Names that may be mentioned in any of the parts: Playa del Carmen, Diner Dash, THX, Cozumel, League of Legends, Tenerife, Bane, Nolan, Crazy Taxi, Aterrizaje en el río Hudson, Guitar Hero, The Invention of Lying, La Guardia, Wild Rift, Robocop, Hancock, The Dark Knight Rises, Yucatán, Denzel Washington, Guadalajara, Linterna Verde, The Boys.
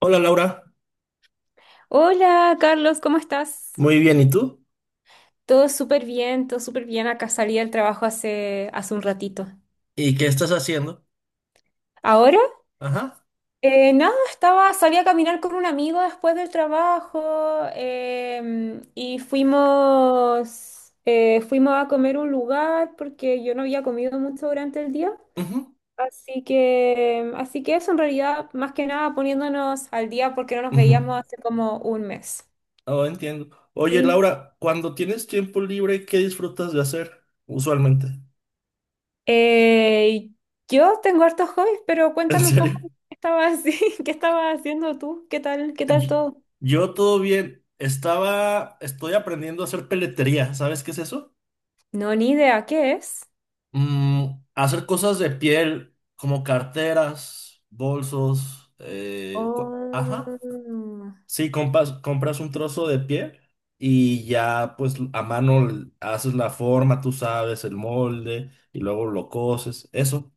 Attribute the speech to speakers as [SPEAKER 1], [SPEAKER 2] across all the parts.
[SPEAKER 1] Hola Laura,
[SPEAKER 2] Hola, Carlos, ¿cómo estás?
[SPEAKER 1] muy bien, ¿y tú?
[SPEAKER 2] Todo súper bien, todo súper bien. Acá salí del trabajo hace un ratito.
[SPEAKER 1] ¿Y qué estás haciendo?
[SPEAKER 2] ¿Ahora?
[SPEAKER 1] Ajá.
[SPEAKER 2] Nada, estaba, salí a caminar con un amigo después del trabajo y fuimos, fuimos a comer a un lugar porque yo no había comido mucho durante el día.
[SPEAKER 1] Ujú,
[SPEAKER 2] Así que eso en realidad, más que nada poniéndonos al día porque no nos
[SPEAKER 1] ujú.
[SPEAKER 2] veíamos hace como un mes.
[SPEAKER 1] Oh, entiendo. Oye
[SPEAKER 2] ¿Sí?
[SPEAKER 1] Laura, cuando tienes tiempo libre, ¿qué disfrutas de hacer usualmente?
[SPEAKER 2] Eh, yo tengo hartos hobbies, pero
[SPEAKER 1] ¿En
[SPEAKER 2] cuéntame un poco
[SPEAKER 1] serio?
[SPEAKER 2] qué estabas, qué estabas haciendo tú, qué tal
[SPEAKER 1] Y-
[SPEAKER 2] todo.
[SPEAKER 1] Yo todo bien. Estoy aprendiendo a hacer peletería. ¿Sabes qué es eso?
[SPEAKER 2] No, ni idea, ¿qué es?
[SPEAKER 1] Mm, hacer cosas de piel, como carteras, bolsos, ajá.
[SPEAKER 2] Oh,
[SPEAKER 1] Sí, compras un trozo de piel y ya pues a mano haces la forma, tú sabes, el molde y luego lo coses. Eso,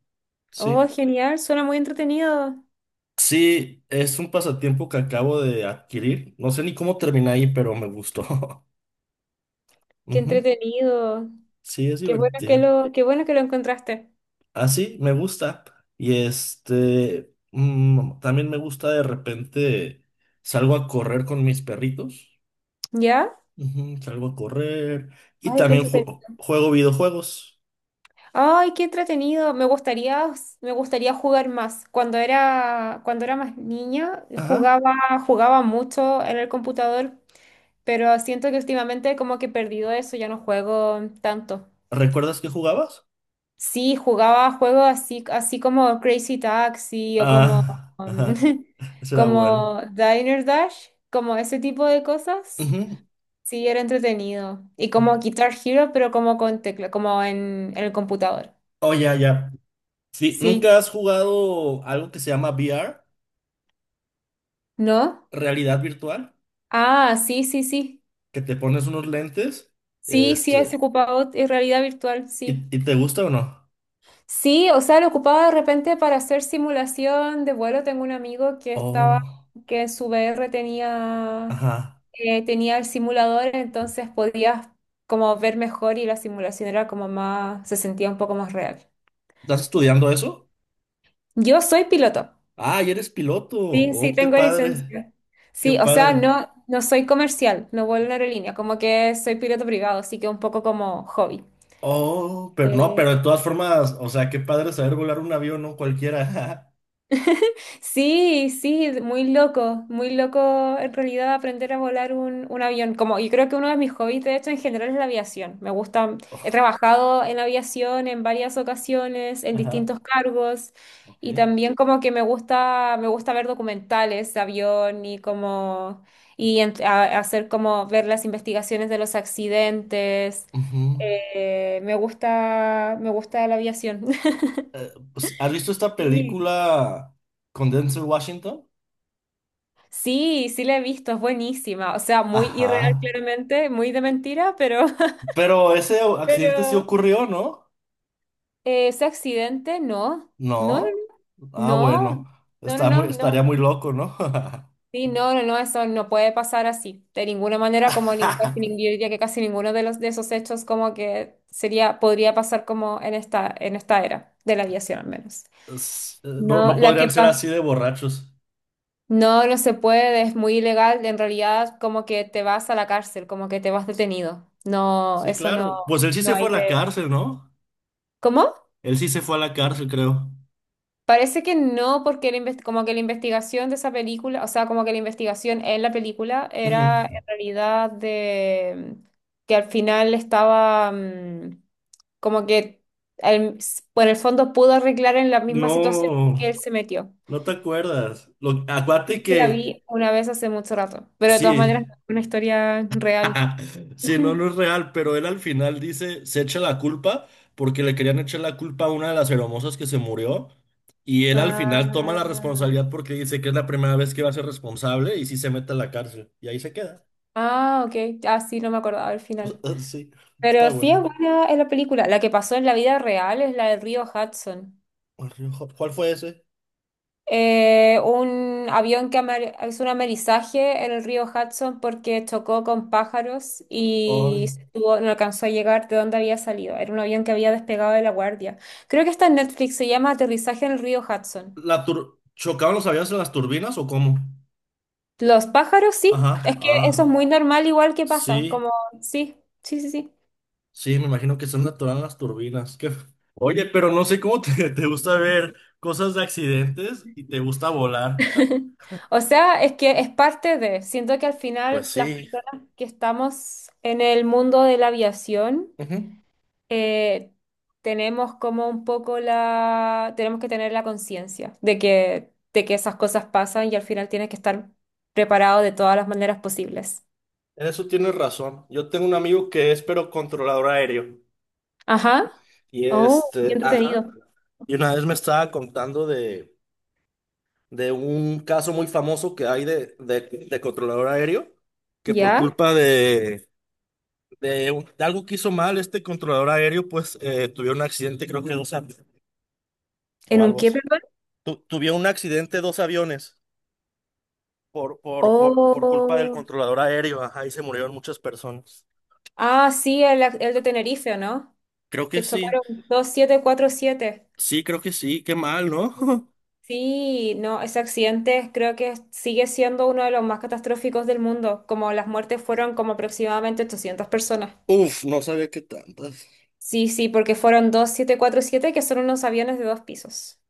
[SPEAKER 2] oh,
[SPEAKER 1] sí.
[SPEAKER 2] genial, suena muy entretenido.
[SPEAKER 1] Sí, es un pasatiempo que acabo de adquirir. No sé ni cómo terminé ahí, pero me gustó.
[SPEAKER 2] Qué
[SPEAKER 1] Ujú.
[SPEAKER 2] entretenido.
[SPEAKER 1] Sí, es divertido.
[SPEAKER 2] Qué bueno que lo encontraste.
[SPEAKER 1] Así, me gusta. Y también me gusta de repente salgo a correr con mis perritos.
[SPEAKER 2] ¿Ya?
[SPEAKER 1] Ujú, salgo a correr. Y
[SPEAKER 2] Ay, qué
[SPEAKER 1] también
[SPEAKER 2] entretenido.
[SPEAKER 1] juego videojuegos.
[SPEAKER 2] Ay, qué entretenido. Me gustaría jugar más. Cuando era más niña,
[SPEAKER 1] Ajá.
[SPEAKER 2] jugaba mucho en el computador. Pero siento que últimamente como que he perdido eso, ya no juego tanto.
[SPEAKER 1] ¿Recuerdas que jugabas?
[SPEAKER 2] Sí, jugaba juegos así, así como Crazy Taxi o como,
[SPEAKER 1] Ah,
[SPEAKER 2] um,
[SPEAKER 1] ajá. Eso era bueno.
[SPEAKER 2] como Diner Dash, como ese tipo de cosas.
[SPEAKER 1] Ujú.
[SPEAKER 2] Sí, era entretenido. Y como Guitar Hero, pero como con tecla, como en el computador.
[SPEAKER 1] Oh, ya, ya. Sí,
[SPEAKER 2] Sí.
[SPEAKER 1] ¿nunca has jugado algo que se llama VR?
[SPEAKER 2] ¿No?
[SPEAKER 1] Realidad virtual.
[SPEAKER 2] Ah, sí, sí, sí.
[SPEAKER 1] Que te pones unos lentes.
[SPEAKER 2] Sí, sí, es
[SPEAKER 1] Este,
[SPEAKER 2] ocupado en realidad virtual, sí.
[SPEAKER 1] ¿y te gusta o no?
[SPEAKER 2] Sí, o sea, lo ocupaba de repente para hacer simulación de vuelo. Tengo un amigo que estaba,
[SPEAKER 1] Oh,
[SPEAKER 2] que en su VR tenía,
[SPEAKER 1] ajá.
[SPEAKER 2] tenía el simulador, entonces podías como ver mejor y la simulación era como más, se sentía un poco más real.
[SPEAKER 1] ¿Estás estudiando eso?
[SPEAKER 2] Yo soy piloto.
[SPEAKER 1] Ah, y eres piloto.
[SPEAKER 2] Sí, sí,
[SPEAKER 1] Oh, qué
[SPEAKER 2] tengo
[SPEAKER 1] padre.
[SPEAKER 2] licencia.
[SPEAKER 1] Qué
[SPEAKER 2] Sí, o sea,
[SPEAKER 1] padre.
[SPEAKER 2] no, no soy comercial, no vuelo en aerolínea, como que soy piloto privado, así que un poco como hobby.
[SPEAKER 1] Oh, pero no,
[SPEAKER 2] Eh,
[SPEAKER 1] pero de todas formas, o sea, qué padre saber volar un avión, ¿no? Cualquiera.
[SPEAKER 2] Sí, sí, muy loco en realidad aprender a volar un avión. Como yo creo que uno de mis hobbies, de hecho, en general es la aviación. Me gusta, he trabajado en aviación en varias ocasiones, en
[SPEAKER 1] Ajá,
[SPEAKER 2] distintos cargos,
[SPEAKER 1] ok.
[SPEAKER 2] y también como que me gusta ver documentales de avión y como hacer como ver las investigaciones de los accidentes.
[SPEAKER 1] Ujú.
[SPEAKER 2] Me gusta la aviación.
[SPEAKER 1] Pues, ¿has visto esta
[SPEAKER 2] Sí.
[SPEAKER 1] película con Denzel Washington?
[SPEAKER 2] Sí, sí la he visto, es buenísima. O sea, muy irreal
[SPEAKER 1] Ajá.
[SPEAKER 2] claramente, muy de mentira, pero...
[SPEAKER 1] Pero ese accidente sí
[SPEAKER 2] Pero...
[SPEAKER 1] ocurrió, ¿no?
[SPEAKER 2] ese accidente, no. No, no,
[SPEAKER 1] No. Ah,
[SPEAKER 2] no.
[SPEAKER 1] bueno.
[SPEAKER 2] No, no, no, no,
[SPEAKER 1] Estaría
[SPEAKER 2] no.
[SPEAKER 1] muy loco, ¿no?
[SPEAKER 2] Sí, no, no, no, eso no puede pasar así. De ninguna manera, como casi, nin- yo diría que casi ninguno de los de esos hechos como que sería, podría pasar como en en esta era de la aviación al menos.
[SPEAKER 1] No,
[SPEAKER 2] No,
[SPEAKER 1] no
[SPEAKER 2] la que
[SPEAKER 1] podrían ser así
[SPEAKER 2] pasó.
[SPEAKER 1] de borrachos.
[SPEAKER 2] No, no se puede, es muy ilegal. En realidad, como que te vas a la cárcel, como que te vas detenido. No,
[SPEAKER 1] Sí,
[SPEAKER 2] eso no,
[SPEAKER 1] claro. Pues él sí
[SPEAKER 2] no
[SPEAKER 1] se fue
[SPEAKER 2] hay
[SPEAKER 1] a
[SPEAKER 2] de...
[SPEAKER 1] la cárcel, ¿no?
[SPEAKER 2] ¿Cómo?
[SPEAKER 1] Él sí se fue a la cárcel, creo.
[SPEAKER 2] Parece que no, porque la inves- como que la investigación de esa película, o sea, como que la investigación en la película
[SPEAKER 1] Ujú.
[SPEAKER 2] era en realidad de que al final estaba como que el- por el fondo pudo arreglar en la misma situación que
[SPEAKER 1] No,
[SPEAKER 2] él se metió.
[SPEAKER 1] no te acuerdas.
[SPEAKER 2] Es
[SPEAKER 1] Acuérdate
[SPEAKER 2] que la
[SPEAKER 1] que
[SPEAKER 2] vi una vez hace mucho rato, pero de todas
[SPEAKER 1] sí,
[SPEAKER 2] maneras, una historia real.
[SPEAKER 1] sí, no, no es real, pero él al final dice, se echa la culpa porque le querían echar la culpa a una de las hermosas que se murió y él al final toma la
[SPEAKER 2] Ah,
[SPEAKER 1] responsabilidad porque dice que es la primera vez que va a ser responsable y sí se mete a la cárcel y ahí se queda.
[SPEAKER 2] ah, ok. Ah, sí, no me acordaba al final.
[SPEAKER 1] Sí, está
[SPEAKER 2] Pero sí
[SPEAKER 1] bueno.
[SPEAKER 2] es buena es la película. La que pasó en la vida real es la del río Hudson.
[SPEAKER 1] ¿Cuál fue ese?
[SPEAKER 2] Un avión que hizo un amerizaje en el río Hudson porque chocó con pájaros y
[SPEAKER 1] Ay,
[SPEAKER 2] no alcanzó a llegar de donde había salido. Era un avión que había despegado de La Guardia. Creo que está en Netflix, se llama Aterrizaje en el río Hudson.
[SPEAKER 1] ¿chocaban los aviones en las turbinas o cómo?
[SPEAKER 2] Los pájaros, sí. Es
[SPEAKER 1] Ajá,
[SPEAKER 2] que eso es
[SPEAKER 1] ah,
[SPEAKER 2] muy normal, igual que pasa.
[SPEAKER 1] sí.
[SPEAKER 2] Como, sí, sí, sí, sí.
[SPEAKER 1] Sí, me imagino que son naturales las turbinas. Qué. Oye, pero no sé cómo te, te gusta ver cosas de accidentes y te gusta volar.
[SPEAKER 2] O sea, es que es parte de, siento que al
[SPEAKER 1] Pues
[SPEAKER 2] final las
[SPEAKER 1] sí.
[SPEAKER 2] personas que estamos en el mundo de la aviación,
[SPEAKER 1] Ujú.
[SPEAKER 2] eh, tenemos como un poco la, tenemos que tener la conciencia de que esas cosas pasan y al final tienes que estar preparado de todas las maneras posibles.
[SPEAKER 1] En eso tienes razón. Yo tengo un amigo que es pero controlador aéreo.
[SPEAKER 2] Ajá.
[SPEAKER 1] Y
[SPEAKER 2] Oh, qué
[SPEAKER 1] este, ajá.
[SPEAKER 2] entretenido.
[SPEAKER 1] Y una vez me estaba contando de un caso muy famoso que hay de controlador aéreo, que por
[SPEAKER 2] ¿Ya?
[SPEAKER 1] culpa de algo que hizo mal este controlador aéreo, pues tuvieron un accidente, creo que dos años o
[SPEAKER 2] ¿En un
[SPEAKER 1] algo
[SPEAKER 2] qué,
[SPEAKER 1] así.
[SPEAKER 2] perdón?
[SPEAKER 1] Tuvieron un accidente dos aviones por culpa del
[SPEAKER 2] Oh.
[SPEAKER 1] controlador aéreo. Ajá, y se murieron muchas personas.
[SPEAKER 2] Ah, sí, el de Tenerife, ¿no?
[SPEAKER 1] Creo que
[SPEAKER 2] Que
[SPEAKER 1] sí,
[SPEAKER 2] chocaron 747.
[SPEAKER 1] sí, creo que sí, qué mal, ¿no?
[SPEAKER 2] Sí, no, ese accidente creo que sigue siendo uno de los más catastróficos del mundo, como las muertes fueron como aproximadamente 800 personas.
[SPEAKER 1] Uf, no sabía que tantas.
[SPEAKER 2] Sí, sí, porque fueron 747 que son unos aviones de dos pisos.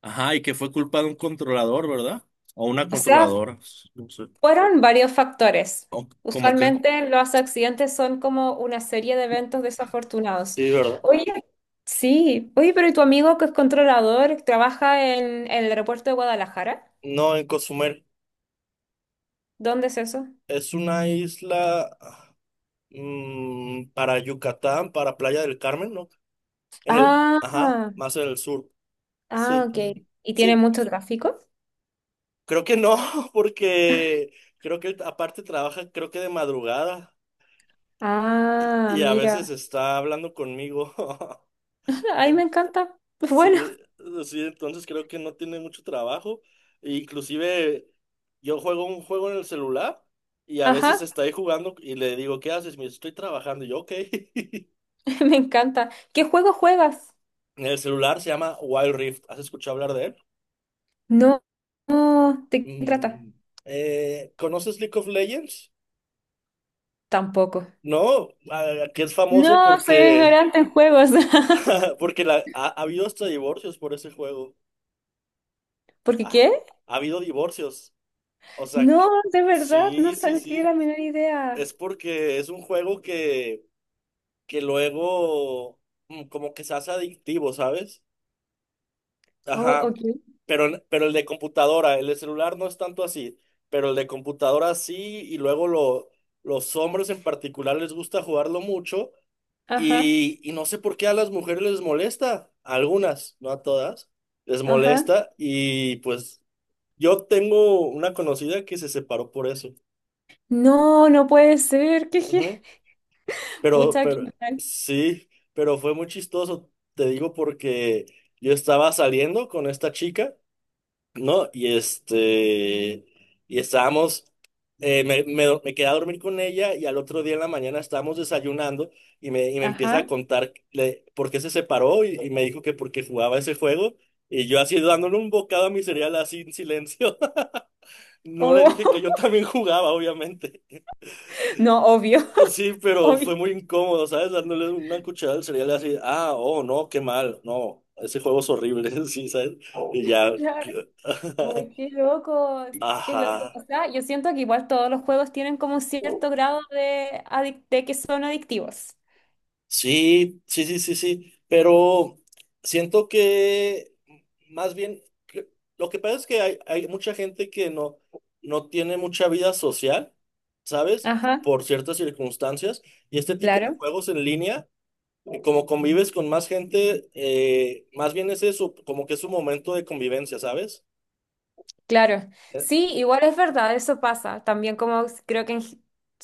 [SPEAKER 1] Ajá, ¿y que fue culpa de un controlador, ¿verdad? O una
[SPEAKER 2] O sea,
[SPEAKER 1] controladora, no sé.
[SPEAKER 2] fueron varios factores.
[SPEAKER 1] ¿O- como que?
[SPEAKER 2] Usualmente los accidentes son como una serie de eventos desafortunados.
[SPEAKER 1] Sí, ¿verdad?
[SPEAKER 2] Oye, sí, oye, pero ¿y tu amigo que es controlador trabaja en el aeropuerto de Guadalajara?
[SPEAKER 1] No, en Cozumel.
[SPEAKER 2] ¿Dónde es eso?
[SPEAKER 1] Es una isla ah, mm, para Yucatán, para Playa del Carmen, ¿no? En el,
[SPEAKER 2] Ah.
[SPEAKER 1] ajá, más en el sur.
[SPEAKER 2] Ah,
[SPEAKER 1] Sí.
[SPEAKER 2] ok. ¿Y tiene
[SPEAKER 1] Sí,
[SPEAKER 2] mucho tráfico?
[SPEAKER 1] creo que no, porque creo que él aparte trabaja, creo que de madrugada
[SPEAKER 2] Ah,
[SPEAKER 1] y a veces
[SPEAKER 2] mira.
[SPEAKER 1] está hablando conmigo.
[SPEAKER 2] Ay, me
[SPEAKER 1] En-
[SPEAKER 2] encanta. Bueno,
[SPEAKER 1] Sí, sí, entonces creo que no tiene mucho trabajo. E inclusive yo juego un juego en el celular y a veces
[SPEAKER 2] ajá,
[SPEAKER 1] está ahí jugando y le digo, ¿qué haces? Me dice, estoy trabajando. Y yo, ok.
[SPEAKER 2] me encanta. ¿Qué juego juegas?
[SPEAKER 1] El celular se llama Wild Rift. ¿Has escuchado hablar de él?
[SPEAKER 2] No, no, ¿de qué trata?
[SPEAKER 1] Mm. ¿Conoces League of Legends?
[SPEAKER 2] Tampoco.
[SPEAKER 1] No, ah, que es famoso
[SPEAKER 2] No, soy
[SPEAKER 1] porque
[SPEAKER 2] ignorante en juegos.
[SPEAKER 1] porque la, ha habido hasta divorcios por ese juego.
[SPEAKER 2] ¿Por qué
[SPEAKER 1] Ha,
[SPEAKER 2] qué?
[SPEAKER 1] ha habido divorcios. O sea,
[SPEAKER 2] No,
[SPEAKER 1] que-
[SPEAKER 2] de verdad, no
[SPEAKER 1] sí, sí,
[SPEAKER 2] saldría la
[SPEAKER 1] sí.
[SPEAKER 2] menor
[SPEAKER 1] Es
[SPEAKER 2] idea.
[SPEAKER 1] porque es un juego que luego mm, como que se hace adictivo, ¿sabes?
[SPEAKER 2] Oh,
[SPEAKER 1] Ajá.
[SPEAKER 2] ok.
[SPEAKER 1] Pero, pero el de computadora, el de celular no es tanto así. Pero el de computadora sí, y luego lo, los hombres en particular les gusta jugarlo mucho.
[SPEAKER 2] Ajá,
[SPEAKER 1] Y no sé por qué a las mujeres les molesta, a algunas, no a todas, les
[SPEAKER 2] ajá.
[SPEAKER 1] molesta y pues yo tengo una conocida que se separó por eso.
[SPEAKER 2] No, no puede ser. ¿Qué, qué?
[SPEAKER 1] Ujú.
[SPEAKER 2] Pucha, qué
[SPEAKER 1] Pero,
[SPEAKER 2] mal.
[SPEAKER 1] sí, pero fue muy chistoso, te digo, porque yo estaba saliendo con esta chica. ¿No? Y este, y estábamos, me quedé a dormir con ella y al otro día en la mañana estábamos desayunando y y me empieza a
[SPEAKER 2] Ajá.
[SPEAKER 1] contar por qué se separó y me dijo que porque jugaba ese juego y yo así dándole un bocado a mi cereal así en silencio. No le dije
[SPEAKER 2] Oh,
[SPEAKER 1] que yo también jugaba, obviamente.
[SPEAKER 2] no, obvio,
[SPEAKER 1] Sí, pero fue
[SPEAKER 2] obvio.
[SPEAKER 1] muy incómodo, ¿sabes? Dándole una cucharada al cereal así, ah, oh, no, qué mal, no, ese juego es horrible, sí, ¿sabes? Y ya,
[SPEAKER 2] Claro. Ay, qué loco, qué loco. O
[SPEAKER 1] ajá.
[SPEAKER 2] sea, yo siento que igual todos los juegos tienen como un cierto grado de, adic- de que son adictivos.
[SPEAKER 1] Sí, sí, sí, sí, sí, pero siento que más bien que- lo que pasa es que hay mucha gente que no, no tiene mucha vida social, ¿sabes?
[SPEAKER 2] Ajá,
[SPEAKER 1] Por ciertas circunstancias, y este tipo de
[SPEAKER 2] claro,
[SPEAKER 1] juegos en línea, como convives con más gente, más bien es eso, como que es un momento de convivencia, ¿sabes?
[SPEAKER 2] claro.
[SPEAKER 1] Eh,
[SPEAKER 2] Sí, igual es verdad, eso pasa. También como creo que en g-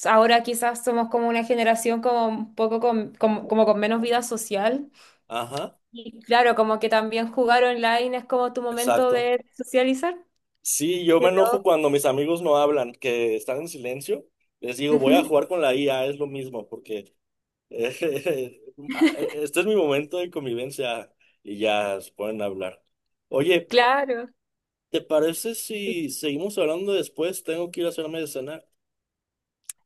[SPEAKER 2] ahora quizás somos como una generación como un poco con, como, como con menos vida social.
[SPEAKER 1] Ajá,
[SPEAKER 2] Y claro, como que también jugar online es como tu momento
[SPEAKER 1] exacto.
[SPEAKER 2] de socializar.
[SPEAKER 1] Sí, yo
[SPEAKER 2] Qué
[SPEAKER 1] me enojo
[SPEAKER 2] loco.
[SPEAKER 1] cuando mis amigos no hablan, que están en silencio, les digo, voy a
[SPEAKER 2] Ujú,
[SPEAKER 1] jugar con la IA, es lo mismo, porque... Este es mi momento de convivencia y ya se pueden hablar. Oye,
[SPEAKER 2] claro,
[SPEAKER 1] ¿te parece
[SPEAKER 2] sí.
[SPEAKER 1] si seguimos hablando después? Tengo que ir a hacerme de cenar.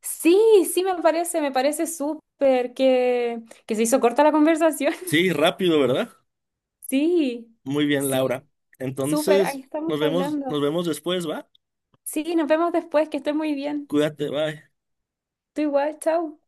[SPEAKER 2] Sí, sí, me parece súper que se hizo corta la conversación.
[SPEAKER 1] Sí, rápido, ¿verdad?
[SPEAKER 2] Sí,
[SPEAKER 1] Muy bien,
[SPEAKER 2] sí,
[SPEAKER 1] Laura.
[SPEAKER 2] súper, ahí
[SPEAKER 1] Entonces,
[SPEAKER 2] estamos hablando.
[SPEAKER 1] nos vemos después, ¿va?
[SPEAKER 2] Sí, nos vemos después, que estés muy bien.
[SPEAKER 1] Cuídate, bye.
[SPEAKER 2] Tú igual, chao.